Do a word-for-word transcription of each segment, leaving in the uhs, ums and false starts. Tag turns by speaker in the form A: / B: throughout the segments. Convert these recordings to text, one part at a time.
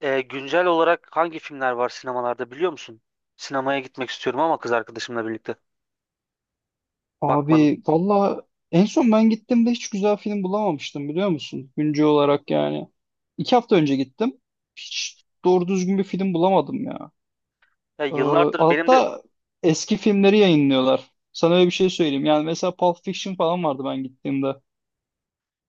A: Ee, güncel olarak hangi filmler var sinemalarda biliyor musun? Sinemaya gitmek istiyorum ama kız arkadaşımla birlikte. Bakmadım.
B: Abi valla en son ben gittiğimde hiç güzel film bulamamıştım, biliyor musun? Güncel olarak yani. İki hafta önce gittim. Hiç doğru düzgün bir film bulamadım ya.
A: Ya
B: Ee,
A: yıllardır benim de
B: altta eski filmleri yayınlıyorlar. Sana öyle bir şey söyleyeyim. Yani mesela Pulp Fiction falan vardı ben gittiğimde.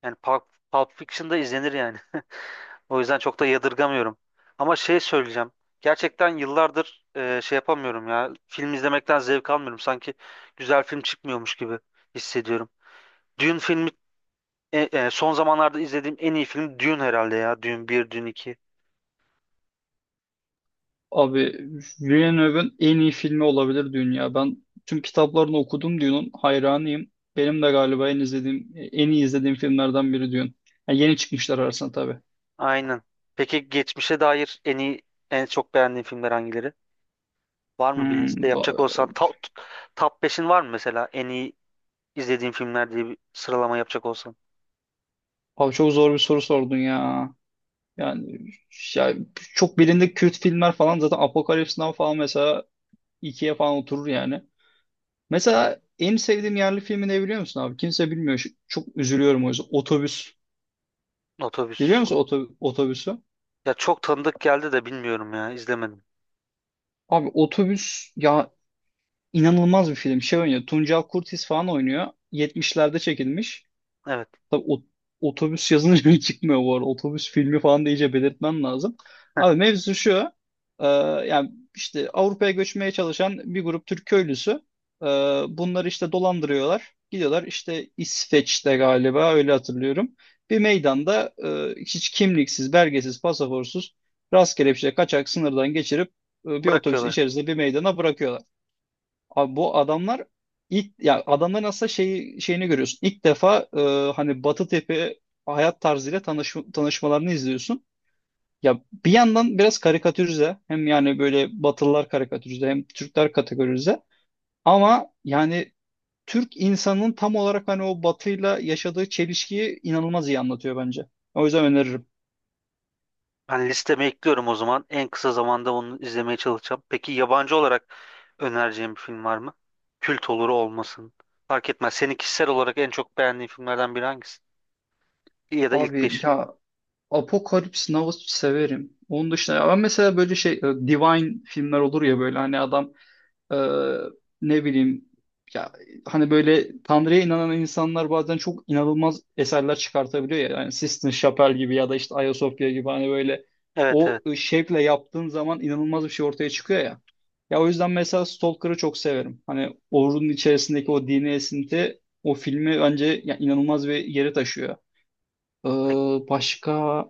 A: yani Pulp, Pulp Fiction'da izlenir yani. O yüzden çok da yadırgamıyorum. Ama şey söyleyeceğim. Gerçekten yıllardır e, şey yapamıyorum ya. Film izlemekten zevk almıyorum. Sanki güzel film çıkmıyormuş gibi hissediyorum. Dune filmi e, e, son zamanlarda izlediğim en iyi film Dune herhalde ya. Dune bir, Dune iki.
B: Abi Villeneuve'ın en iyi filmi olabilir dünya. Ben tüm kitaplarını okudum Dune'un. Hayranıyım. Benim de galiba en izlediğim, en iyi izlediğim filmlerden biri Dune. Yani yeni çıkmışlar arasında tabii.
A: Aynen. Peki geçmişe dair en iyi, en çok beğendiğin filmler hangileri? Var mı bir
B: Hmm,
A: liste yapacak
B: va-
A: olsan top, top beşin var mı mesela en iyi izlediğin filmler diye bir sıralama yapacak olsan?
B: abi çok zor bir soru sordun ya. Yani ya çok bilindik Kürt filmler falan zaten Apocalypse Now falan mesela ikiye falan oturur yani. Mesela en sevdiğim yerli filmi ne biliyor musun abi? Kimse bilmiyor. Şu- Çok üzülüyorum o yüzden. Otobüs.
A: Otobüs.
B: Biliyor musun
A: on-
B: oto- otobüsü?
A: Ya çok tanıdık geldi de bilmiyorum ya izlemedim.
B: Abi otobüs ya, inanılmaz bir film. Şey oynuyor. Tuncel Kurtiz falan oynuyor. yetmişlerde çekilmiş.
A: Evet,
B: Tabii o- otobüs yazınca çıkmıyor bu arada. Otobüs filmi falan da iyice belirtmen lazım. Abi mevzu şu. e, Yani işte Avrupa'ya göçmeye çalışan bir grup Türk köylüsü. e, Bunları işte dolandırıyorlar. Gidiyorlar işte, İsveç'te galiba, öyle hatırlıyorum. Bir meydanda, e, hiç kimliksiz, belgesiz, pasaportsuz, rastgele bir şey kaçak sınırdan geçirip e, bir otobüs
A: bırakıyorlar.
B: içerisinde bir meydana bırakıyorlar. Abi bu adamlar ilk ya, adamların aslında şeyi şeyini görüyorsun. İlk defa e, hani Batı tepe hayat tarzıyla tanış, tanışmalarını izliyorsun. Ya bir yandan biraz karikatürize, hem yani böyle Batılılar karikatürize hem Türkler kategorize, ama yani Türk insanının tam olarak hani o Batı'yla yaşadığı çelişkiyi inanılmaz iyi anlatıyor bence. O yüzden öneririm.
A: Ben listeme ekliyorum o zaman. En kısa zamanda onu izlemeye çalışacağım. Peki yabancı olarak önereceğim bir film var mı? Kült olur olmasın. Fark etmez. Seni kişisel olarak en çok beğendiğin filmlerden biri hangisi? Ya da ilk
B: Abi
A: beş?
B: ya Apokalips Now severim. Onun dışında ya ben mesela böyle şey, e, Divine filmler olur ya, böyle hani adam Ee, ne bileyim ya, hani böyle Tanrı'ya inanan insanlar bazen çok inanılmaz eserler çıkartabiliyor ya. Yani Sistine Chapel gibi ya da işte Ayasofya gibi, hani böyle
A: Evet,
B: o
A: evet.
B: şevkle yaptığın zaman inanılmaz bir şey ortaya çıkıyor ya. Ya o yüzden mesela Stalker'ı çok severim. Hani Orhun içerisindeki o dini esinti o filmi bence ya, inanılmaz bir yere taşıyor. Ee,
A: Peki,
B: başka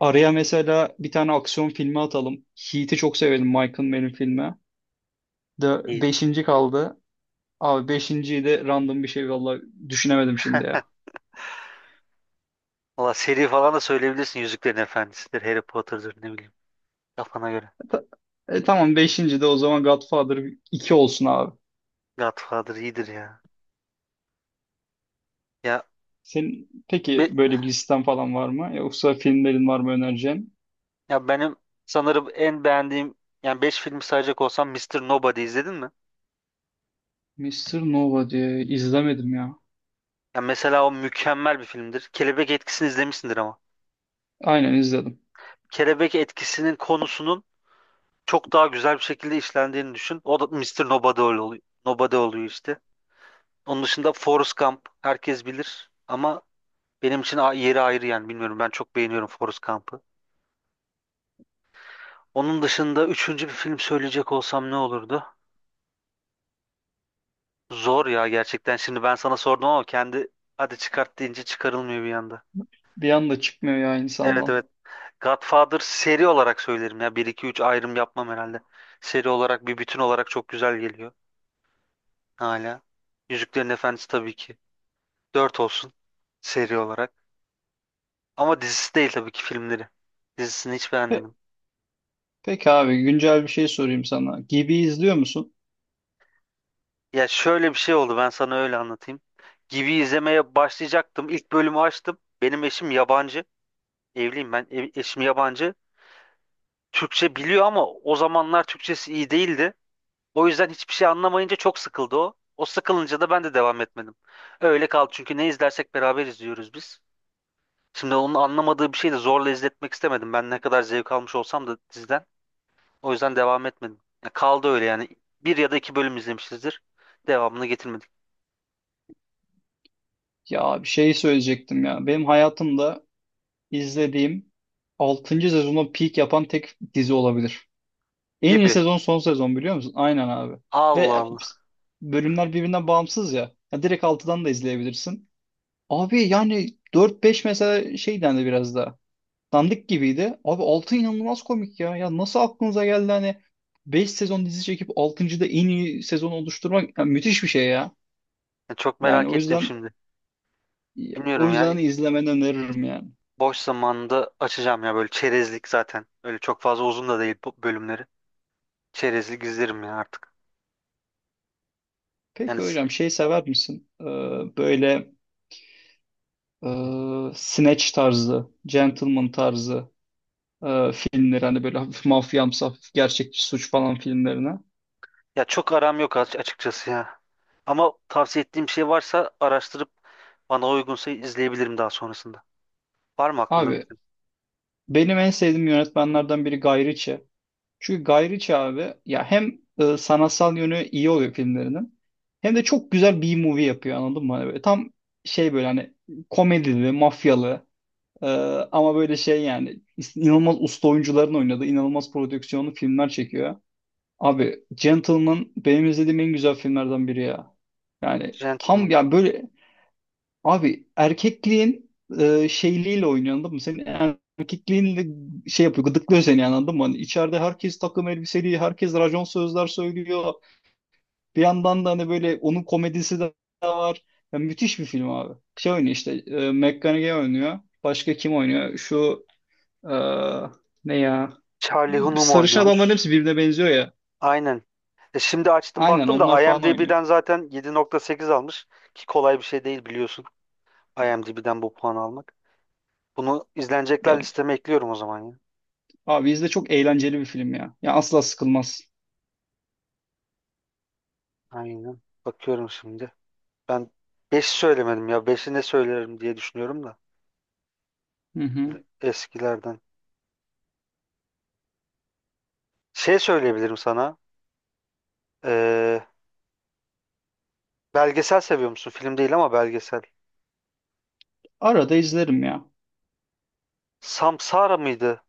B: araya mesela bir tane aksiyon filmi atalım. Heat'i çok severim, Michael Mann'in filmi. De
A: iyi.
B: beşinci kaldı. Abi beşinciyi de random bir şey, vallahi düşünemedim şimdi ya.
A: Valla seri falan da söyleyebilirsin. Yüzüklerin Efendisi'dir, Harry Potter'dır, ne bileyim. Kafana göre.
B: E, Ta- E, tamam beşinci de o zaman Godfather iki olsun abi.
A: Godfather iyidir ya. Ya
B: Senin peki
A: be-
B: böyle bir listen falan var mı? Yoksa filmlerin var mı önereceğin?
A: ya benim sanırım en beğendiğim, yani beş filmi sayacak olsam Mister Nobody izledin mi?
B: Mister Nova diye izlemedim ya.
A: Ya mesela o mükemmel bir filmdir. Kelebek Etkisi'ni izlemişsindir ama.
B: Aynen izledim.
A: Kelebek Etkisi'nin konusunun çok daha güzel bir şekilde işlendiğini düşün. O da Mister Nobody öyle oluyor. Nobody oluyor işte. Onun dışında Forrest Gump herkes bilir ama benim için a- yeri ayrı, yani bilmiyorum, ben çok beğeniyorum Forrest Gump'ı. Onun dışında üçüncü bir film söyleyecek olsam ne olurdu? Zor ya gerçekten. Şimdi ben sana sordum ama kendi, hadi çıkart deyince çıkarılmıyor bir anda.
B: Bir anda çıkmıyor ya
A: Evet,
B: insandan.
A: evet. Godfather seri olarak söylerim ya. Bir, iki, üç ayrım yapmam herhalde. Seri olarak, bir bütün olarak çok güzel geliyor hala. Yüzüklerin Efendisi tabii ki. Dört olsun, seri olarak. Ama dizisi değil tabii ki, filmleri. Dizisini hiç
B: Pe
A: beğenmedim.
B: peki abi güncel bir şey sorayım sana. Gibi izliyor musun?
A: Ya şöyle bir şey oldu, ben sana öyle anlatayım. Gibi izlemeye başlayacaktım. İlk bölümü açtım. Benim eşim yabancı. Evliyim ben. E- Eşim yabancı. Türkçe biliyor ama o zamanlar Türkçesi iyi değildi. O yüzden hiçbir şey anlamayınca çok sıkıldı o. O sıkılınca da ben de devam etmedim. Öyle kaldı çünkü ne izlersek beraber izliyoruz biz. Şimdi onun anlamadığı bir şeyi de zorla izletmek istemedim. Ben ne kadar zevk almış olsam da diziden. O yüzden devam etmedim. Ya kaldı öyle yani. Bir ya da iki bölüm izlemişizdir. Devamını getirmedik
B: Ya bir şey söyleyecektim ya. Benim hayatımda izlediğim altıncı sezonda peak yapan tek dizi olabilir. En iyi
A: gibi.
B: sezon son sezon, biliyor musun? Aynen abi.
A: Allah
B: Ve
A: Allah.
B: bölümler birbirinden bağımsız ya. Ya direkt altıdan da izleyebilirsin. Abi yani dört beş mesela şey dendi, biraz daha dandik gibiydi. Abi altı inanılmaz komik ya. Ya nasıl aklınıza geldi hani, beş sezon dizi çekip altıncıda en iyi sezon oluşturmak, ya müthiş bir şey ya.
A: Ya çok
B: Yani
A: merak
B: o
A: ettim
B: yüzden
A: şimdi.
B: o
A: Bilmiyorum ya.
B: yüzden izlemeni öneririm yani.
A: Boş zamanında açacağım ya, böyle çerezlik zaten. Öyle çok fazla uzun da değil bu bölümleri. Çerezlik izlerim ya artık. Yani
B: Peki
A: s-
B: hocam şey sever misin? Ee, böyle e, Snatch tarzı, Gentleman tarzı e, filmleri, hani böyle hafif mafyamsı, hafif gerçekçi suç falan filmlerine.
A: ya çok aram yok, aç- açıkçası ya. Ama tavsiye ettiğim şey varsa araştırıp bana uygunsa izleyebilirim daha sonrasında. Var mı aklında bir
B: Abi
A: film?
B: benim en sevdiğim yönetmenlerden biri Guy Ritchie. Çünkü Guy Ritchie abi ya, hem e, sanatsal yönü iyi oluyor filmlerinin, hem de çok güzel B-movie yapıyor, anladın mı? Hani böyle tam şey, böyle hani komedili, mafyalı, e, ama böyle şey yani, inanılmaz usta oyuncuların oynadığı inanılmaz prodüksiyonlu filmler çekiyor. Abi Gentleman benim izlediğim en güzel filmlerden biri ya. Yani
A: Gentleman.
B: tam ya böyle, abi erkekliğin e, şeyliğiyle oynuyor, anladın mı? Senin erkekliğinle şey yapıyor, gıdıklıyor seni yani, anladın mı? Hani içeride herkes takım elbiseli, herkes racon sözler söylüyor. Bir yandan da hani böyle onun komedisi de var. Ya, müthiş bir film abi. Şey oynuyor işte, e, McConaughey oynuyor. Başka kim oynuyor? Şu e, ne ya?
A: Charlie Hunnam
B: Sarışın adamların
A: oynuyormuş.
B: hepsi birbirine benziyor ya.
A: Aynen. E şimdi açtım
B: Aynen
A: baktım
B: onlar
A: da
B: falan oynuyor.
A: IMDb'den zaten yedi nokta sekiz almış. Ki kolay bir şey değil biliyorsun. IMDb'den bu puanı almak. Bunu izlenecekler
B: Ya
A: listeme ekliyorum o zaman ya.
B: abi izle, çok eğlenceli bir film ya. Ya asla sıkılmaz.
A: Aynen. Bakıyorum şimdi. Ben beş söylemedim ya. Beşi ne söylerim diye düşünüyorum da.
B: Hı hı.
A: Eskilerden. Şey söyleyebilirim sana. Ee, Belgesel seviyor musun? Film değil ama belgesel.
B: Arada izlerim ya.
A: Samsara mıydı?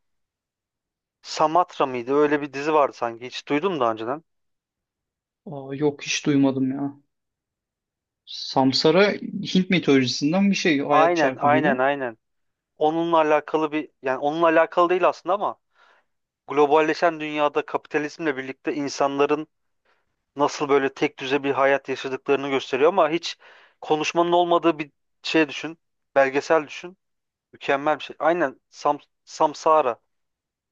A: Samatra mıydı? Öyle bir dizi vardı sanki. Hiç duydum daha önceden.
B: Aa, yok hiç duymadım ya. Samsara Hint mitolojisinden bir şey. Hayat
A: Aynen,
B: çarkı gibi.
A: aynen, aynen. Onunla alakalı bir, yani onunla alakalı değil aslında ama globalleşen dünyada kapitalizmle birlikte insanların nasıl böyle tek düze bir hayat yaşadıklarını gösteriyor ama hiç konuşmanın olmadığı bir şey düşün. Belgesel düşün. Mükemmel bir şey. Aynen, Sam Samsara.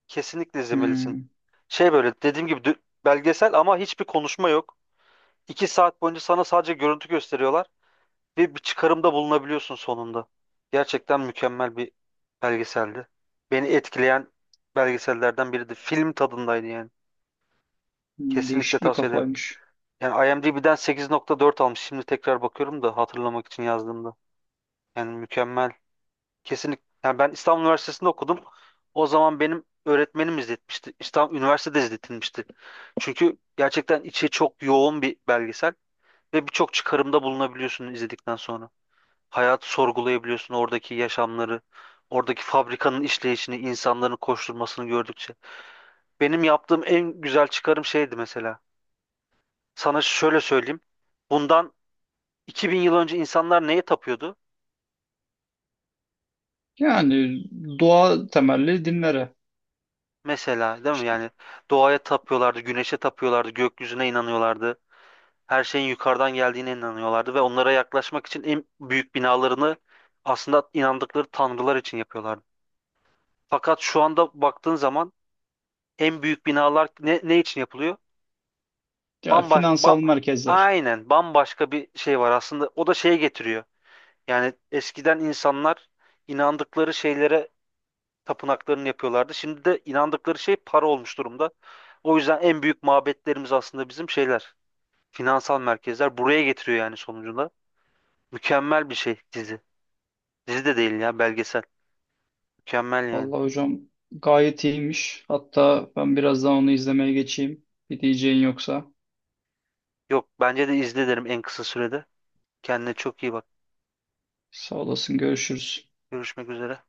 A: Kesinlikle izlemelisin.
B: Hmm,
A: Şey, böyle dediğim gibi, dü- belgesel ama hiçbir konuşma yok. İki saat boyunca sana sadece görüntü gösteriyorlar ve bir çıkarımda bulunabiliyorsun sonunda. Gerçekten mükemmel bir belgeseldi. Beni etkileyen belgesellerden biriydi. Film tadındaydı yani.
B: hmm,
A: Kesinlikle
B: değişik bir
A: tavsiye ederim.
B: kafaymış.
A: Yani IMDb'den sekiz nokta dört almış. Şimdi tekrar bakıyorum da hatırlamak için yazdığımda. Yani mükemmel. Kesinlikle. Yani ben İstanbul Üniversitesi'nde okudum. O zaman benim öğretmenim izletmişti. İstanbul Üniversitede izletilmişti. Çünkü gerçekten içi çok yoğun bir belgesel ve birçok çıkarımda bulunabiliyorsun izledikten sonra. Hayatı sorgulayabiliyorsun, oradaki yaşamları, oradaki fabrikanın işleyişini, insanların koşturmasını gördükçe. Benim yaptığım en güzel çıkarım şeydi mesela. Sana şöyle söyleyeyim. Bundan iki bin yıl önce insanlar neye tapıyordu?
B: Yani doğa temelli dinlere.
A: Mesela, değil mi?
B: İşte,
A: Yani doğaya tapıyorlardı, güneşe tapıyorlardı, gökyüzüne inanıyorlardı. Her şeyin yukarıdan geldiğine inanıyorlardı ve onlara yaklaşmak için en büyük binalarını aslında inandıkları tanrılar için yapıyorlardı. Fakat şu anda baktığın zaman en büyük binalar ne, ne için yapılıyor?
B: ya,
A: Bambaş, ba-
B: finansal merkezler.
A: aynen, bambaşka bir şey var aslında. O da şeye getiriyor. Yani eskiden insanlar inandıkları şeylere tapınaklarını yapıyorlardı. Şimdi de inandıkları şey para olmuş durumda. O yüzden en büyük mabetlerimiz aslında bizim şeyler, finansal merkezler, buraya getiriyor yani sonucunda. Mükemmel bir şey dizi. Dizi de değil ya, belgesel. Mükemmel yani.
B: Vallahi hocam gayet iyiymiş. Hatta ben birazdan onu izlemeye geçeyim. Bir diyeceğin yoksa.
A: Yok, bence de izle derim en kısa sürede. Kendine çok iyi bak.
B: Sağ olasın, görüşürüz.
A: Görüşmek üzere.